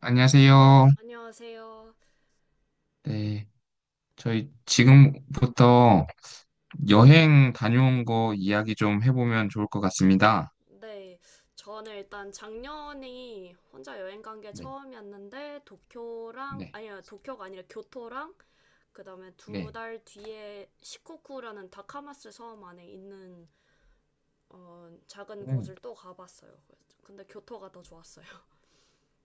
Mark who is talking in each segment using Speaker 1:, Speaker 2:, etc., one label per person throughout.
Speaker 1: 안녕하세요.
Speaker 2: 안녕하세요.
Speaker 1: 네. 저희 지금부터 여행 다녀온 거 이야기 좀 해보면 좋을 것 같습니다.
Speaker 2: 네, 저는 일단 작년이 혼자 여행 간 게
Speaker 1: 네.
Speaker 2: 처음이었는데 도쿄랑
Speaker 1: 네.
Speaker 2: 아니요 도쿄가 아니라 교토랑 그다음에 두
Speaker 1: 네.
Speaker 2: 달 뒤에 시코쿠라는 다카마스 섬 안에 있는 작은
Speaker 1: 음.
Speaker 2: 곳을 또 가봤어요. 근데 교토가 더 좋았어요.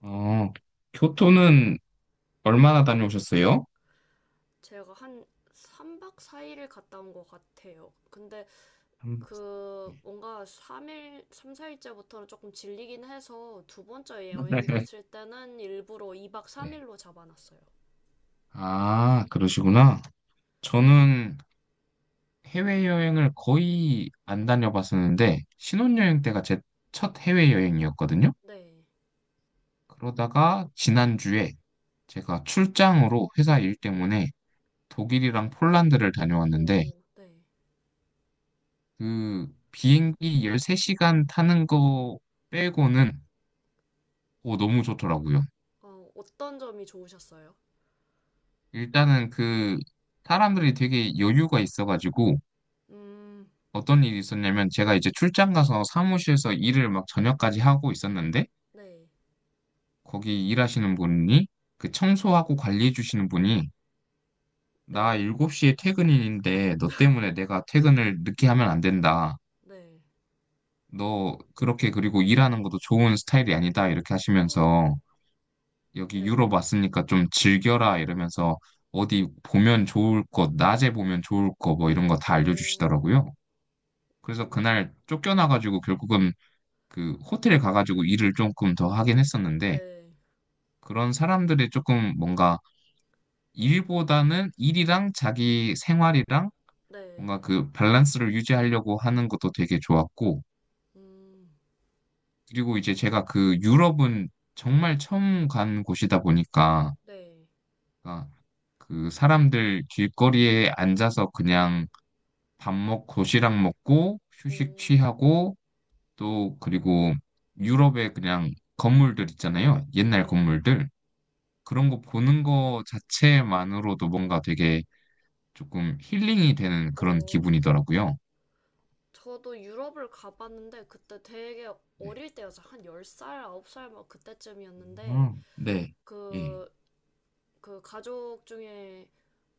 Speaker 1: 어, 교토는 얼마나 다녀오셨어요?
Speaker 2: 제가 한 3박 4일을 갔다 온 것 같아요. 근데
Speaker 1: 한 번.
Speaker 2: 그 뭔가 3일, 3, 4일째부터는 조금 질리긴 해서 두 번째 여행 갔을 때는 일부러 2박
Speaker 1: 네.
Speaker 2: 3일로 잡아놨어요.
Speaker 1: 아, 그러시구나. 저는 해외여행을 거의 안 다녀봤었는데, 신혼여행 때가 제 첫 해외여행이었거든요.
Speaker 2: 네.
Speaker 1: 그러다가 지난주에 제가 출장으로 회사 일 때문에 독일이랑 폴란드를 다녀왔는데
Speaker 2: 오, 네.
Speaker 1: 그 비행기 13시간 타는 거 빼고는 오, 너무 좋더라고요.
Speaker 2: 어떤 점이 좋으셨어요?
Speaker 1: 일단은 그 사람들이 되게 여유가 있어가지고
Speaker 2: 음,
Speaker 1: 어떤 일이 있었냐면 제가 이제 출장 가서 사무실에서 일을 막 저녁까지 하고 있었는데
Speaker 2: 네.
Speaker 1: 거기 일하시는 분이 그 청소하고 관리해 주시는 분이 나
Speaker 2: 네네.
Speaker 1: 7시에 퇴근인데 너 때문에 내가 퇴근을 늦게 하면 안 된다.
Speaker 2: 네.
Speaker 1: 너 그렇게 그리고 일하는 것도 좋은 스타일이 아니다. 이렇게 하시면서 여기
Speaker 2: 네.
Speaker 1: 유럽 왔으니까 좀 즐겨라 이러면서 어디 보면 좋을 것, 낮에 보면 좋을 거 뭐 이런 거 다
Speaker 2: 오,
Speaker 1: 알려주시더라고요. 그래서
Speaker 2: 음,
Speaker 1: 그날 쫓겨나가지고 결국은 그 호텔에 가가지고 일을 조금 더 하긴 했었는데
Speaker 2: 네.
Speaker 1: 그런 사람들이 조금 뭔가 일보다는 일이랑 자기 생활이랑 뭔가
Speaker 2: 네.
Speaker 1: 그 밸런스를 유지하려고 하는 것도 되게 좋았고
Speaker 2: 음,
Speaker 1: 그리고 이제 제가 그 유럽은 정말 처음 간 곳이다 보니까
Speaker 2: 네.
Speaker 1: 그러니까 그 사람들 길거리에 앉아서 그냥 밥 먹고 도시락 먹고
Speaker 2: 오,
Speaker 1: 휴식 취하고 또 그리고 유럽의 그냥 건물들 있잖아요. 옛날
Speaker 2: 네.
Speaker 1: 건물들. 그런 거 보는 거 자체만으로도 뭔가 되게 조금 힐링이 되는 그런
Speaker 2: 오, 네네.
Speaker 1: 기분이더라고요.
Speaker 2: 저도 유럽을 가봤는데 그때 되게
Speaker 1: 네.
Speaker 2: 어릴 때여서 한 10살, 9살 막 그때쯤이었는데
Speaker 1: 네. 예.
Speaker 2: 그, 그 가족 중에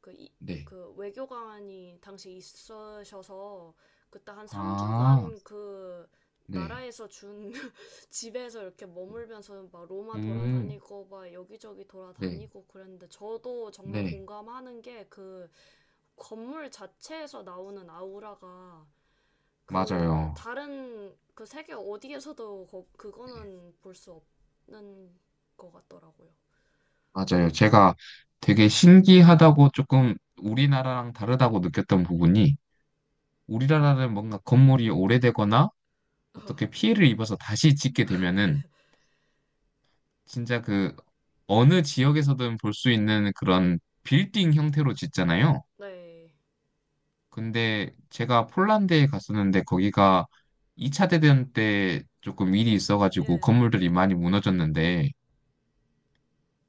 Speaker 2: 그, 이,
Speaker 1: 네.
Speaker 2: 그 외교관이 당시 있으셔서 그때 한
Speaker 1: 아,
Speaker 2: 3주간 그
Speaker 1: 네.
Speaker 2: 나라에서 준 집에서 이렇게
Speaker 1: 오,
Speaker 2: 머물면서 막 로마 돌아다니고 막 여기저기
Speaker 1: 네.
Speaker 2: 돌아다니고 그랬는데 저도 정말
Speaker 1: 네.
Speaker 2: 공감하는 게 그 건물 자체에서 나오는 아우라가 그
Speaker 1: 맞아요.
Speaker 2: 다른 그 세계 어디에서도
Speaker 1: 네.
Speaker 2: 그거는 볼 수 없는 것 같더라고요.
Speaker 1: 맞아요. 제가 되게 신기하다고 조금 우리나라랑 다르다고 느꼈던 부분이 우리나라는 뭔가 건물이 오래되거나 어떻게 피해를 입어서 다시 짓게 되면은 진짜 그 어느 지역에서든 볼 수 있는 그런 빌딩 형태로 짓잖아요.
Speaker 2: 네,
Speaker 1: 근데 제가 폴란드에 갔었는데 거기가 2차 대전 때 조금 일이 있어가지고
Speaker 2: 예,
Speaker 1: 건물들이 많이 무너졌는데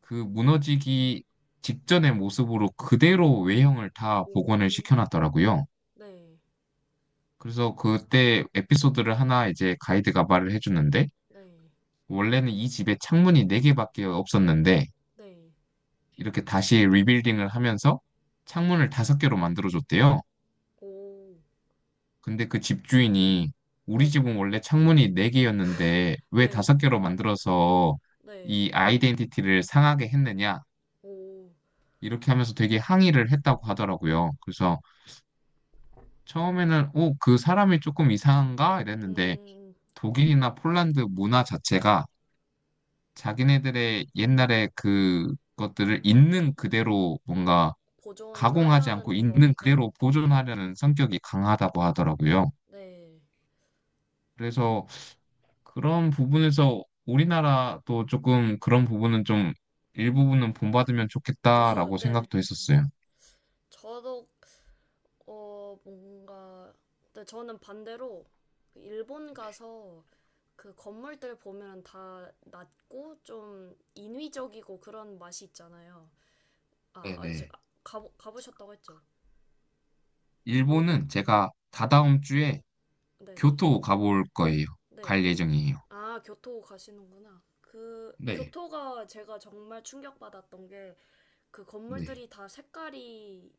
Speaker 1: 그 무너지기 직전의 모습으로 그대로 외형을 다
Speaker 2: 오,
Speaker 1: 복원을 시켜놨더라고요.
Speaker 2: 네,
Speaker 1: 그래서 그때 에피소드를 하나 이제 가이드가 말을 해주는데,
Speaker 2: 네,
Speaker 1: 원래는 이 집에 창문이 4개밖에 없었는데,
Speaker 2: 네,
Speaker 1: 이렇게 다시 리빌딩을 하면서 창문을 5개로 만들어줬대요.
Speaker 2: 오,
Speaker 1: 근데 그 집주인이 우리
Speaker 2: 네, 네,
Speaker 1: 집은 원래 창문이 4개였는데 왜
Speaker 2: 네,
Speaker 1: 5개로 만들어서
Speaker 2: 네,
Speaker 1: 이 아이덴티티를 상하게 했느냐?
Speaker 2: 오,
Speaker 1: 이렇게 하면서 되게 항의를 했다고 하더라고요. 그래서 처음에는 오, 그 사람이 조금 이상한가?
Speaker 2: 음,
Speaker 1: 이랬는데
Speaker 2: 음.
Speaker 1: 독일이나 폴란드 문화 자체가 자기네들의 옛날에 그것들을 있는 그대로 뭔가 가공하지 않고
Speaker 2: 보존하려는 거,
Speaker 1: 있는 그대로
Speaker 2: 네,
Speaker 1: 보존하려는 성격이 강하다고 하더라고요.
Speaker 2: 네,
Speaker 1: 그래서 그런 부분에서 우리나라도 조금 그런 부분은 좀 일부분은 본받으면
Speaker 2: 아,
Speaker 1: 좋겠다라고
Speaker 2: 네,
Speaker 1: 생각도 했었어요.
Speaker 2: 저도 뭔가, 근데 저는 반대로 일본 가서 그 건물들 보면 다 낮고 좀 인위적이고 그런 맛이 있잖아요. 아, 아
Speaker 1: 네네.
Speaker 2: 제가 가보셨다고 했죠? 일본?
Speaker 1: 일본은 제가 다다음 주에
Speaker 2: 네네.
Speaker 1: 교토 가볼 거예요.
Speaker 2: 네.
Speaker 1: 갈 예정이에요.
Speaker 2: 아, 교토 가시는구나. 그,
Speaker 1: 네.
Speaker 2: 교토가 제가 정말 충격받았던 게 그
Speaker 1: 네,
Speaker 2: 건물들이 다 색깔이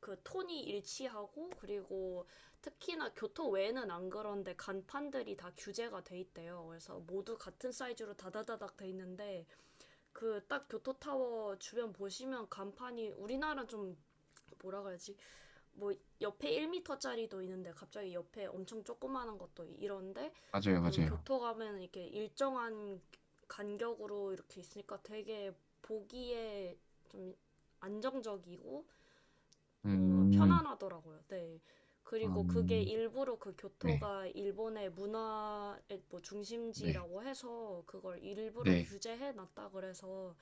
Speaker 2: 그 톤이 일치하고 그리고 특히나 교토 외에는 안 그런데 간판들이 다 규제가 돼 있대요. 그래서 모두 같은 사이즈로 다다다닥 돼 있는데 그 딱 교토 타워 주변 보시면 간판이 우리나라 좀 뭐라 그러지? 뭐 옆에 1터짜리도 있는데 갑자기 옆에 엄청 조그마한 것도 이런데
Speaker 1: 맞아요,
Speaker 2: 그
Speaker 1: 맞아요.
Speaker 2: 교토 가면 이렇게 일정한 간격으로 이렇게 있으니까 되게 보기에 좀 안정적이고
Speaker 1: 음,
Speaker 2: 편안하더라고요. 네. 그리고 그게
Speaker 1: 음,
Speaker 2: 일부러 그
Speaker 1: 네,
Speaker 2: 교토가 일본의 문화의 뭐
Speaker 1: 네,
Speaker 2: 중심지라고 해서 그걸 일부러
Speaker 1: 네.
Speaker 2: 규제해 놨다 그래서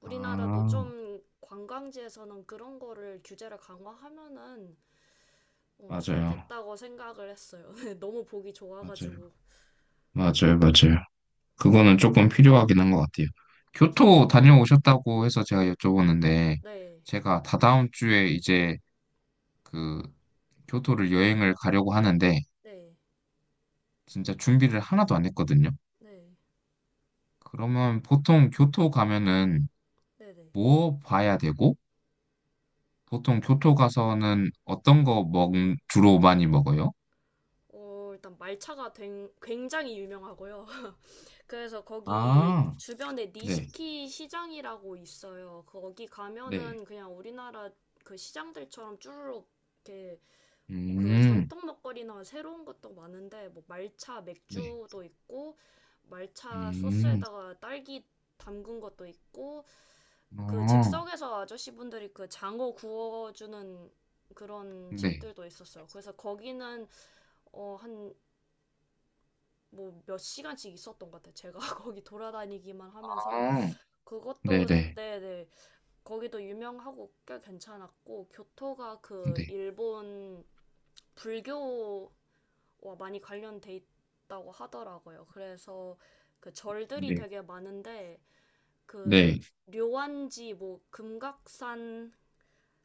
Speaker 2: 우리나라도
Speaker 1: 아,
Speaker 2: 좀 관광지에서는 그런 거를 규제를 강화하면은
Speaker 1: 맞아요,
Speaker 2: 좋겠다고 생각을 했어요. 네, 너무 보기
Speaker 1: 맞아요,
Speaker 2: 좋아가지고.
Speaker 1: 맞아요, 맞아요. 그거는 조금 필요하긴 한 것 같아요. 교토 다녀오셨다고 해서 제가 여쭤보는데,
Speaker 2: 네.
Speaker 1: 제가 다다음 주에 이제 그 교토를 여행을 가려고 하는데,
Speaker 2: 네.
Speaker 1: 진짜 준비를 하나도 안 했거든요.
Speaker 2: 네.
Speaker 1: 그러면 보통 교토 가면은
Speaker 2: 네네.
Speaker 1: 뭐 봐야 되고, 보통 교토 가서는 어떤 거 주로 많이 먹어요?
Speaker 2: 일단 말차가 굉장히 유명하고요. 그래서 거기
Speaker 1: 아,
Speaker 2: 주변에
Speaker 1: 네,
Speaker 2: 니시키 시장이라고 있어요. 거기
Speaker 1: 네,
Speaker 2: 가면은 그냥 우리나라 그 시장들처럼 쭈루룩 이렇게 그
Speaker 1: 음,
Speaker 2: 전통 먹거리나 새로운 것도 많은데 뭐 말차
Speaker 1: 네,
Speaker 2: 맥주도 있고 말차
Speaker 1: 음,
Speaker 2: 소스에다가 딸기 담근 것도 있고 그
Speaker 1: 어,
Speaker 2: 즉석에서 아저씨분들이 그 장어 구워주는 그런
Speaker 1: 네,
Speaker 2: 집들도 있었어요. 그래서 거기는 한 뭐 몇 시간씩 있었던 것 같아요. 제가 거기 돌아다니기만 하면서
Speaker 1: 아, 네,
Speaker 2: 그것도
Speaker 1: 네,
Speaker 2: 네네 거기도 유명하고 꽤 괜찮았고 교토가 그
Speaker 1: 네,
Speaker 2: 일본 불교와 많이 관련돼 있다고 하더라고요. 그래서 그 절들이
Speaker 1: 네,
Speaker 2: 되게 많은데 그
Speaker 1: 네,
Speaker 2: 료안지 뭐 금각산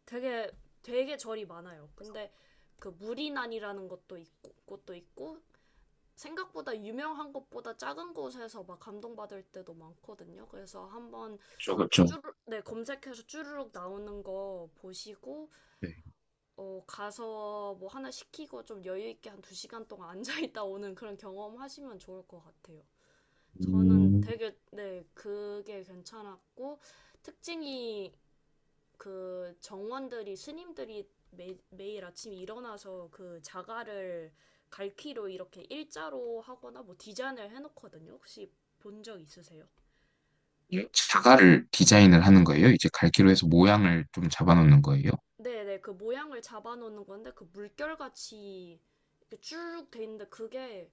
Speaker 2: 되게 되게 절이 많아요. 근데 그 무리난이라는 것도 있고 곳도 있고 생각보다 유명한 것보다 작은 곳에서 막 감동받을 때도 많거든요. 그래서 한번
Speaker 1: 그쵸, 그쵸,
Speaker 2: 네, 검색해서 쭈르륵 나오는 거 보시고,
Speaker 1: 네,
Speaker 2: 가서 뭐 하나 시키고 좀 여유 있게 한 두 시간 동안 앉아있다 오는 그런 경험 하시면 좋을 것 같아요. 저는
Speaker 1: 음,
Speaker 2: 되게, 네, 그게 괜찮았고, 특징이 그 정원들이, 스님들이 매일 아침에 일어나서 그 자갈을 갈퀴로 이렇게 일자로 하거나 뭐 디자인을 해놓거든요. 혹시 본 적 있으세요?
Speaker 1: 자갈을 디자인을 하는 거예요? 이제 갈기로 해서 모양을 좀 잡아놓는 거예요?
Speaker 2: 네네, 그 모양을 잡아놓는 건데, 그 물결같이 이렇게 쭉 돼 있는데,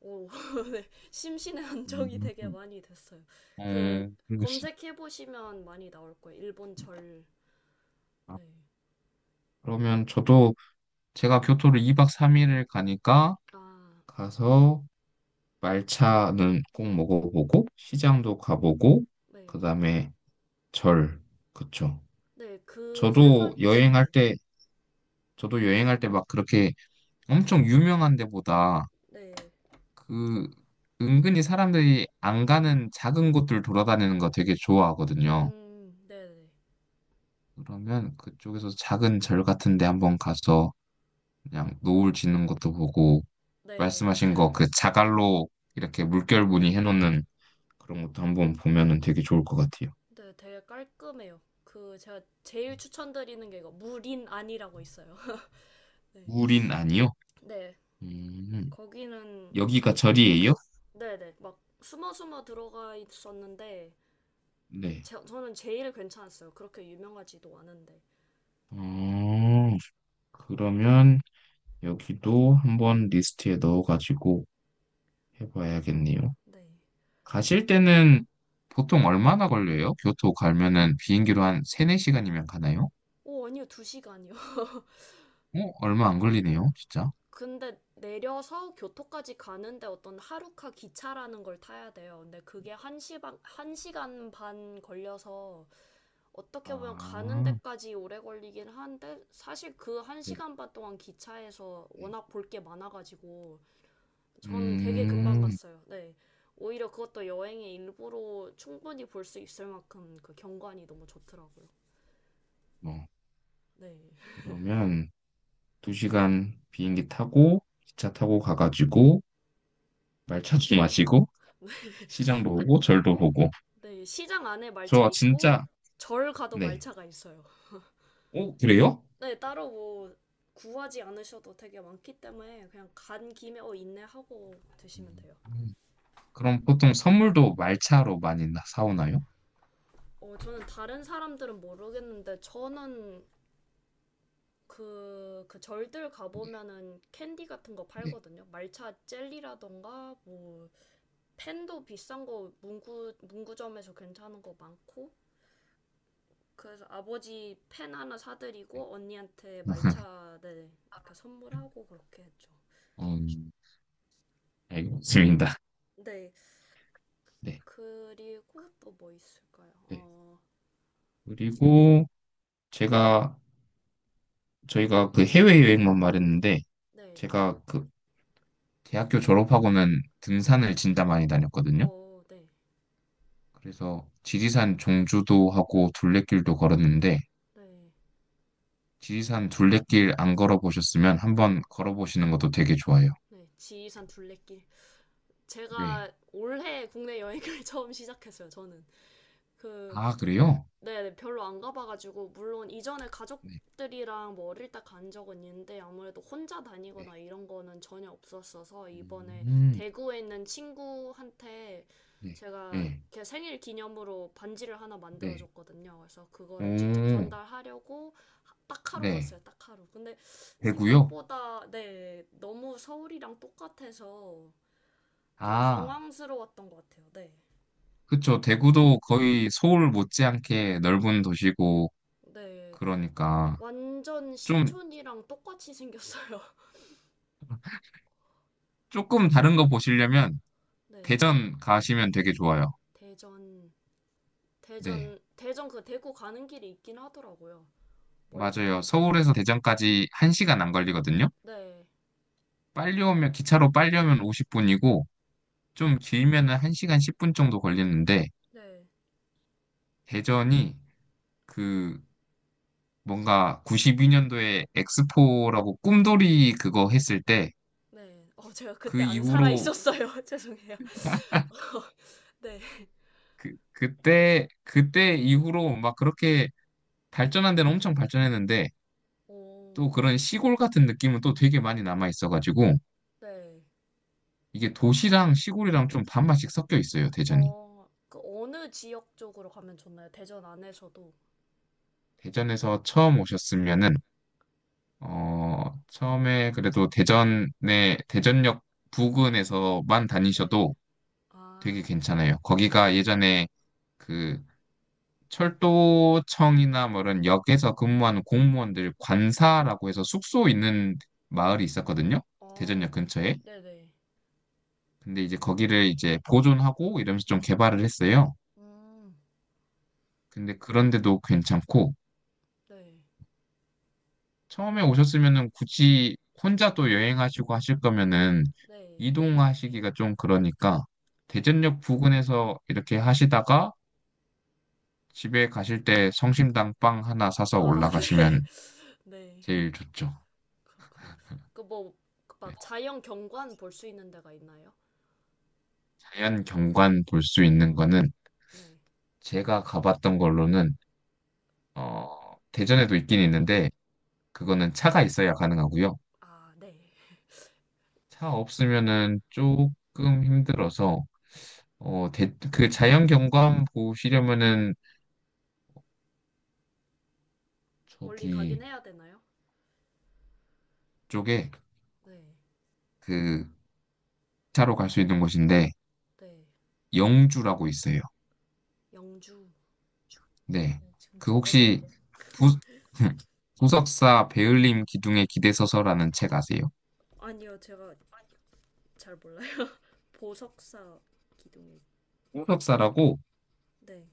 Speaker 2: 오, 네, 심신의 안정이
Speaker 1: 음,
Speaker 2: 되게 많이 됐어요.
Speaker 1: 어,
Speaker 2: 그,
Speaker 1: 그습니
Speaker 2: 검색해보시면 많이 나올 거예요. 일본 절.
Speaker 1: 다
Speaker 2: 네.
Speaker 1: 그러면 저도 제가 교토를 2박 3일을 가니까
Speaker 2: 아, 네.
Speaker 1: 가서 말차는 꼭 먹어보고 시장도 가보고
Speaker 2: 네.
Speaker 1: 그다음에 절. 그쵸.
Speaker 2: 네, 그 세
Speaker 1: 저도
Speaker 2: 가지.
Speaker 1: 여행할
Speaker 2: 네.
Speaker 1: 때, 저도 여행할 때 막 그렇게 엄청 유명한 데보다
Speaker 2: 네.
Speaker 1: 그 은근히 사람들이 안 가는 작은 곳들 돌아다니는 거 되게 좋아하거든요.
Speaker 2: 네네.
Speaker 1: 그러면 그쪽에서 작은 절 같은 데 한번 가서 그냥 노을 지는 것도 보고
Speaker 2: 네. 네,
Speaker 1: 말씀하신 거 그 자갈로 이렇게 물결 무늬해 놓는 그런 것도 한번 보면은 되게 좋을 것 같아요.
Speaker 2: 네, 되게 깔끔해요. 그, 제가 제일 추천드리는 게 이거, 무린 안이라고 있어요. 네.
Speaker 1: 우린 아니요?
Speaker 2: 네.
Speaker 1: 음,
Speaker 2: 거기는
Speaker 1: 여기가 절이에요?
Speaker 2: 네네. 막 숨어 숨어 들어가 있었는데
Speaker 1: 네.
Speaker 2: 저는 제일 괜찮았어요. 그렇게 유명하지도 않은데.
Speaker 1: 어, 그러면 여기도 한번 리스트에 넣어가지고 해봐야겠네요.
Speaker 2: 네.
Speaker 1: 가실 때는 보통 얼마나 걸려요? 교토 가면은 비행기로 한 3, 4시간이면 가나요?
Speaker 2: 오, 아니요. 두 시간이요.
Speaker 1: 얼마 안 걸리네요, 진짜.
Speaker 2: 근데 내려서 교토까지 가는데 어떤 하루카 기차라는 걸 타야 돼요. 근데 그게 한 시간, 한 시간 반 걸려서 어떻게 보면 가는
Speaker 1: 아,
Speaker 2: 데까지 오래 걸리긴 한데 사실 그 한
Speaker 1: 네,
Speaker 2: 시간 반 동안 기차에서
Speaker 1: 네.
Speaker 2: 워낙 볼 게 많아가지고 전 되게 금방
Speaker 1: 음,
Speaker 2: 갔어요. 네. 오히려 그것도 여행의 일부로 충분히 볼 수 있을 만큼 그 경관이 너무 좋더라고요.
Speaker 1: 뭐,
Speaker 2: 네.
Speaker 1: 그러면 2시간 비행기 타고, 기차 타고 가가지고, 말차 좀 마시고, 시장도 보고, 절도 보고.
Speaker 2: 네. 시장 안에 말차
Speaker 1: 저
Speaker 2: 있고,
Speaker 1: 진짜,
Speaker 2: 절 가도
Speaker 1: 네.
Speaker 2: 말차가 있어요.
Speaker 1: 오, 그래요?
Speaker 2: 네. 따로 뭐 구하지 않으셔도 되게 많기 때문에 그냥 간 김에 어, 있네 하고 드시면
Speaker 1: 음,
Speaker 2: 돼요.
Speaker 1: 그럼 보통 선물도 말차로 많이 사오나요?
Speaker 2: 저는 다른 사람들은 모르겠는데, 저는 그, 그 절들
Speaker 1: 네,
Speaker 2: 가보면은 캔디 같은 거
Speaker 1: 네,
Speaker 2: 팔거든요. 말차 젤리라던가, 뭐, 펜도 비싼 거 문구점에서 괜찮은 거 많고 그래서 아버지 펜 하나 사드리고 언니한테
Speaker 1: 네.
Speaker 2: 말차 네 이렇게 선물하고 그렇게 했죠.
Speaker 1: 음, 알겠습니다.
Speaker 2: 네
Speaker 1: 네,
Speaker 2: 그리고 또 뭐 있을까요?
Speaker 1: 네.
Speaker 2: 어
Speaker 1: 그리고 제가 저희가 그 해외여행만 말했는데
Speaker 2: 네.
Speaker 1: 제가 그 대학교 졸업하고는 등산을 진짜 많이 다녔거든요.
Speaker 2: 어, 네.
Speaker 1: 그래서 지리산 종주도 하고 둘레길도 걸었는데
Speaker 2: 네.
Speaker 1: 지리산 둘레길 안 걸어보셨으면 한번 걸어보시는 것도 되게 좋아요.
Speaker 2: 네. 지리산 둘레길.
Speaker 1: 네.
Speaker 2: 제가 올해 국내 여행을 처음 시작했어요, 저는. 그
Speaker 1: 아, 그래요?
Speaker 2: 네, 네, 별로 안 가봐가지고, 물론 이전에
Speaker 1: 네,
Speaker 2: 가족들이랑 뭐 어릴 때 간 적은 있는데, 아무래도 혼자
Speaker 1: 네.
Speaker 2: 다니거나 이런 거는 전혀 없었어서, 이번에
Speaker 1: 음,
Speaker 2: 대구에 있는 친구한테
Speaker 1: 네,
Speaker 2: 제가
Speaker 1: 네,
Speaker 2: 걔 생일 기념으로 반지를 하나
Speaker 1: 네.
Speaker 2: 만들어줬거든요. 그래서
Speaker 1: 오,
Speaker 2: 그거를 직접 전달하려고 딱 하루
Speaker 1: 네.
Speaker 2: 갔어요, 딱 하루. 근데
Speaker 1: 대구요.
Speaker 2: 생각보다, 네, 너무 서울이랑 똑같아서 좀
Speaker 1: 아.
Speaker 2: 당황스러웠던 것 같아요, 네.
Speaker 1: 그쵸. 대구도 거의 서울 못지않게 넓은 도시고,
Speaker 2: 네.
Speaker 1: 그러니까.
Speaker 2: 완전
Speaker 1: 좀,
Speaker 2: 신촌이랑 똑같이 생겼어요.
Speaker 1: 조금 다른 거 보시려면
Speaker 2: 네.
Speaker 1: 대전 가시면 되게 좋아요.
Speaker 2: 대전,
Speaker 1: 네.
Speaker 2: 대전 그 대구 가는 길이 있긴 하더라고요. 멀지도
Speaker 1: 맞아요.
Speaker 2: 않고.
Speaker 1: 서울에서 대전까지 1시간 안 걸리거든요.
Speaker 2: 네.
Speaker 1: 기차로 빨리 오면 50분이고, 좀 길면은 1시간 10분 정도 걸리는데,
Speaker 2: 네.
Speaker 1: 대전이 그, 뭔가 92년도에 엑스포라고 꿈돌이 그거 했을 때,
Speaker 2: 네. 제가
Speaker 1: 그
Speaker 2: 그때 안 살아
Speaker 1: 이후로,
Speaker 2: 있었어요. 죄송해요. 네.
Speaker 1: 그때 이후로 막 그렇게 발전한 데는 엄청 발전했는데
Speaker 2: 오,
Speaker 1: 또 그런 시골 같은 느낌은 또 되게 많이 남아 있어가지고
Speaker 2: 네.
Speaker 1: 이게 도시랑 시골이랑 좀 반반씩 섞여 있어요, 대전이.
Speaker 2: 그 어느 지역 쪽으로 가면 좋나요? 대전 안에서도.
Speaker 1: 대전에서 처음 오셨으면은 처음에 그래도 대전에 대전역 부근에서만
Speaker 2: 네.
Speaker 1: 다니셔도 되게
Speaker 2: 아,
Speaker 1: 괜찮아요. 거기가 예전에 그 철도청이나 뭐 이런 역에서 근무하는 공무원들 관사라고 해서 숙소 있는 마을이 있었거든요. 대전역
Speaker 2: 어,
Speaker 1: 근처에.
Speaker 2: 네네.
Speaker 1: 근데 이제 거기를 이제 보존하고 이러면서 좀 개발을 했어요.
Speaker 2: 음,
Speaker 1: 근데 그런데도 괜찮고
Speaker 2: 네.
Speaker 1: 처음에 오셨으면은 굳이 혼자 또 여행하시고 하실 거면은
Speaker 2: 네.
Speaker 1: 이동하시기가 좀 그러니까 대전역 부근에서 이렇게 하시다가 집에 가실 때 성심당 빵 하나 사서
Speaker 2: 아,
Speaker 1: 올라가시면
Speaker 2: 네. 네.
Speaker 1: 제일 좋죠.
Speaker 2: 그렇군요. 그뭐 그
Speaker 1: 네.
Speaker 2: 막 자연 경관 볼 수 있는 데가 있나요?
Speaker 1: 자연 경관 볼 수 있는 거는
Speaker 2: 네.
Speaker 1: 제가 가봤던 걸로는 대전에도 있긴 있는데 그거는 차가 있어야 가능하고요.
Speaker 2: 아, 네.
Speaker 1: 차 없으면은 조금 힘들어서 그 자연 경관 보시려면은
Speaker 2: 멀리 가긴
Speaker 1: 저기
Speaker 2: 해야 되나요?
Speaker 1: 쪽에
Speaker 2: 네.
Speaker 1: 그 차로 갈 수 있는 곳인데
Speaker 2: 네.
Speaker 1: 영주라고 있어요.
Speaker 2: 영주.
Speaker 1: 네.
Speaker 2: 네, 지금
Speaker 1: 그
Speaker 2: 적어
Speaker 1: 혹시
Speaker 2: 놓을게요.
Speaker 1: 부, 부석사 배울림 기둥에 기대 서서라는 책 아세요?
Speaker 2: 아니요, 제가 잘 몰라요. 보석사 기둥이
Speaker 1: 부석사라고
Speaker 2: 네.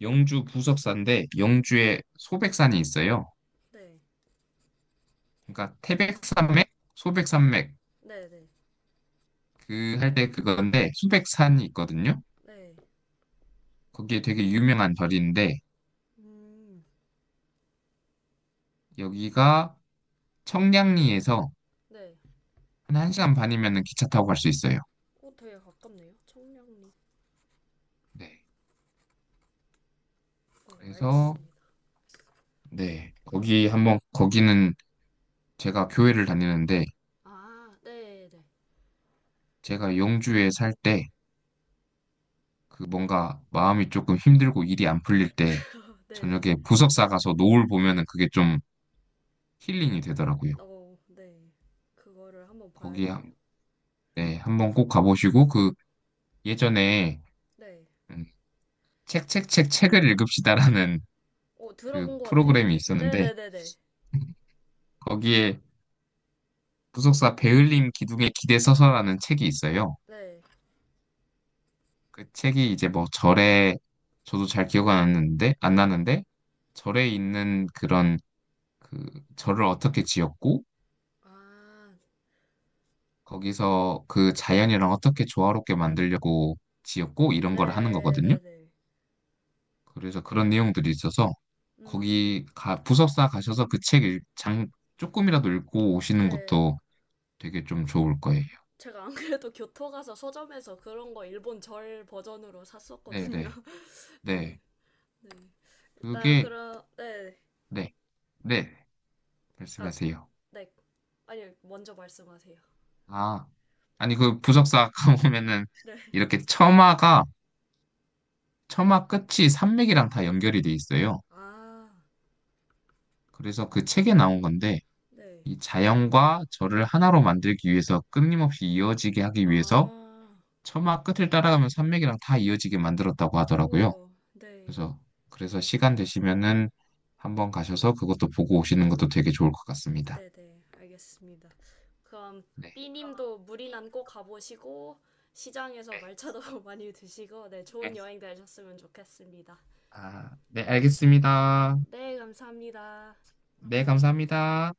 Speaker 1: 영주 부석사인데 영주에 소백산이 있어요.
Speaker 2: 네.
Speaker 1: 그러니까 태백산맥, 소백산맥
Speaker 2: 네, 네.
Speaker 1: 그 할 때 그건데 소백산이 있거든요.
Speaker 2: 네.
Speaker 1: 거기에 되게 유명한 절인데
Speaker 2: 음.
Speaker 1: 여기가 청량리에서
Speaker 2: 네.
Speaker 1: 한 1시간 반이면 기차 타고 갈 수 있어요.
Speaker 2: 어, 되게 가깝네요. 청량리.
Speaker 1: 네.
Speaker 2: 어,
Speaker 1: 그래서
Speaker 2: 알겠습니다.
Speaker 1: 네. 거기는 제가 교회를 다니는데
Speaker 2: 아, 네, 네.
Speaker 1: 제가 영주에 살 때 그 뭔가 마음이 조금 힘들고 일이 안 풀릴 때
Speaker 2: 어, 네, 네.
Speaker 1: 저녁에 보석 사가서 노을 보면은 그게 좀 힐링이 되더라고요.
Speaker 2: 어, 네. 그거를 한번
Speaker 1: 거기
Speaker 2: 봐야겠네요.
Speaker 1: 한- 네, 한번 꼭 가보시고 그 예전에
Speaker 2: 네.
Speaker 1: 음, 책책책 책을 읽읍시다라는 그
Speaker 2: 들어본 것 같아요.
Speaker 1: 프로그램이 있었는데
Speaker 2: 네네네네.
Speaker 1: 거기에 부속사 배을림 기둥에 기대 서서라는 책이 있어요.
Speaker 2: 네.
Speaker 1: 그 책이 이제 뭐 절에 저도 잘 기억 안 나는데 절에 있는 그런 그 절을 어떻게 지었고
Speaker 2: 아,
Speaker 1: 거기서 그 자연이랑 어떻게 조화롭게 만들려고 지었고 이런 걸 하는 거거든요.
Speaker 2: 네네네.
Speaker 1: 그래서 그런 내용들이 있어서
Speaker 2: 음,
Speaker 1: 거기 가 부속사 가셔서 그 책 장 조금이라도 읽고 오시는
Speaker 2: 네.
Speaker 1: 것도 되게 좀 좋을 거예요.
Speaker 2: 제가 안 그래도 교토 가서 서점에서 그런 거 일본 절 버전으로
Speaker 1: 네,
Speaker 2: 샀었거든요.
Speaker 1: 네,
Speaker 2: 네.
Speaker 1: 네.
Speaker 2: 네. 일단
Speaker 1: 그게
Speaker 2: 그런, 네.
Speaker 1: 네, 네.
Speaker 2: 아,
Speaker 1: 말씀하세요.
Speaker 2: 네. 아니, 먼저 말씀하세요.
Speaker 1: 아, 아니 그 부석사 아까 보면은
Speaker 2: 네.
Speaker 1: 이렇게 처마 끝이 산맥이랑 다 연결이 돼 있어요.
Speaker 2: 아,
Speaker 1: 그래서 그 책에 나온 건데
Speaker 2: 네.
Speaker 1: 이 자연과 저를 하나로 만들기 위해서 끊임없이 이어지게 하기 위해서
Speaker 2: 아,
Speaker 1: 처마 끝을 따라가면 산맥이랑 다 이어지게 만들었다고 하더라고요.
Speaker 2: 우와, 네.
Speaker 1: 그래서 그래서 시간 되시면은 한번 가셔서 그것도 보고 오시는 것도 되게 좋을 것 같습니다.
Speaker 2: 네네, 알겠습니다. 그럼
Speaker 1: 네.
Speaker 2: B님도 무리난 꼭 가보시고, 시장에서
Speaker 1: 네.
Speaker 2: 말차도 많이 드시고, 네,
Speaker 1: 네.
Speaker 2: 좋은 여행 되셨으면 좋겠습니다.
Speaker 1: 아, 네, 알겠습니다.
Speaker 2: 네, 감사합니다.
Speaker 1: 네, 감사합니다.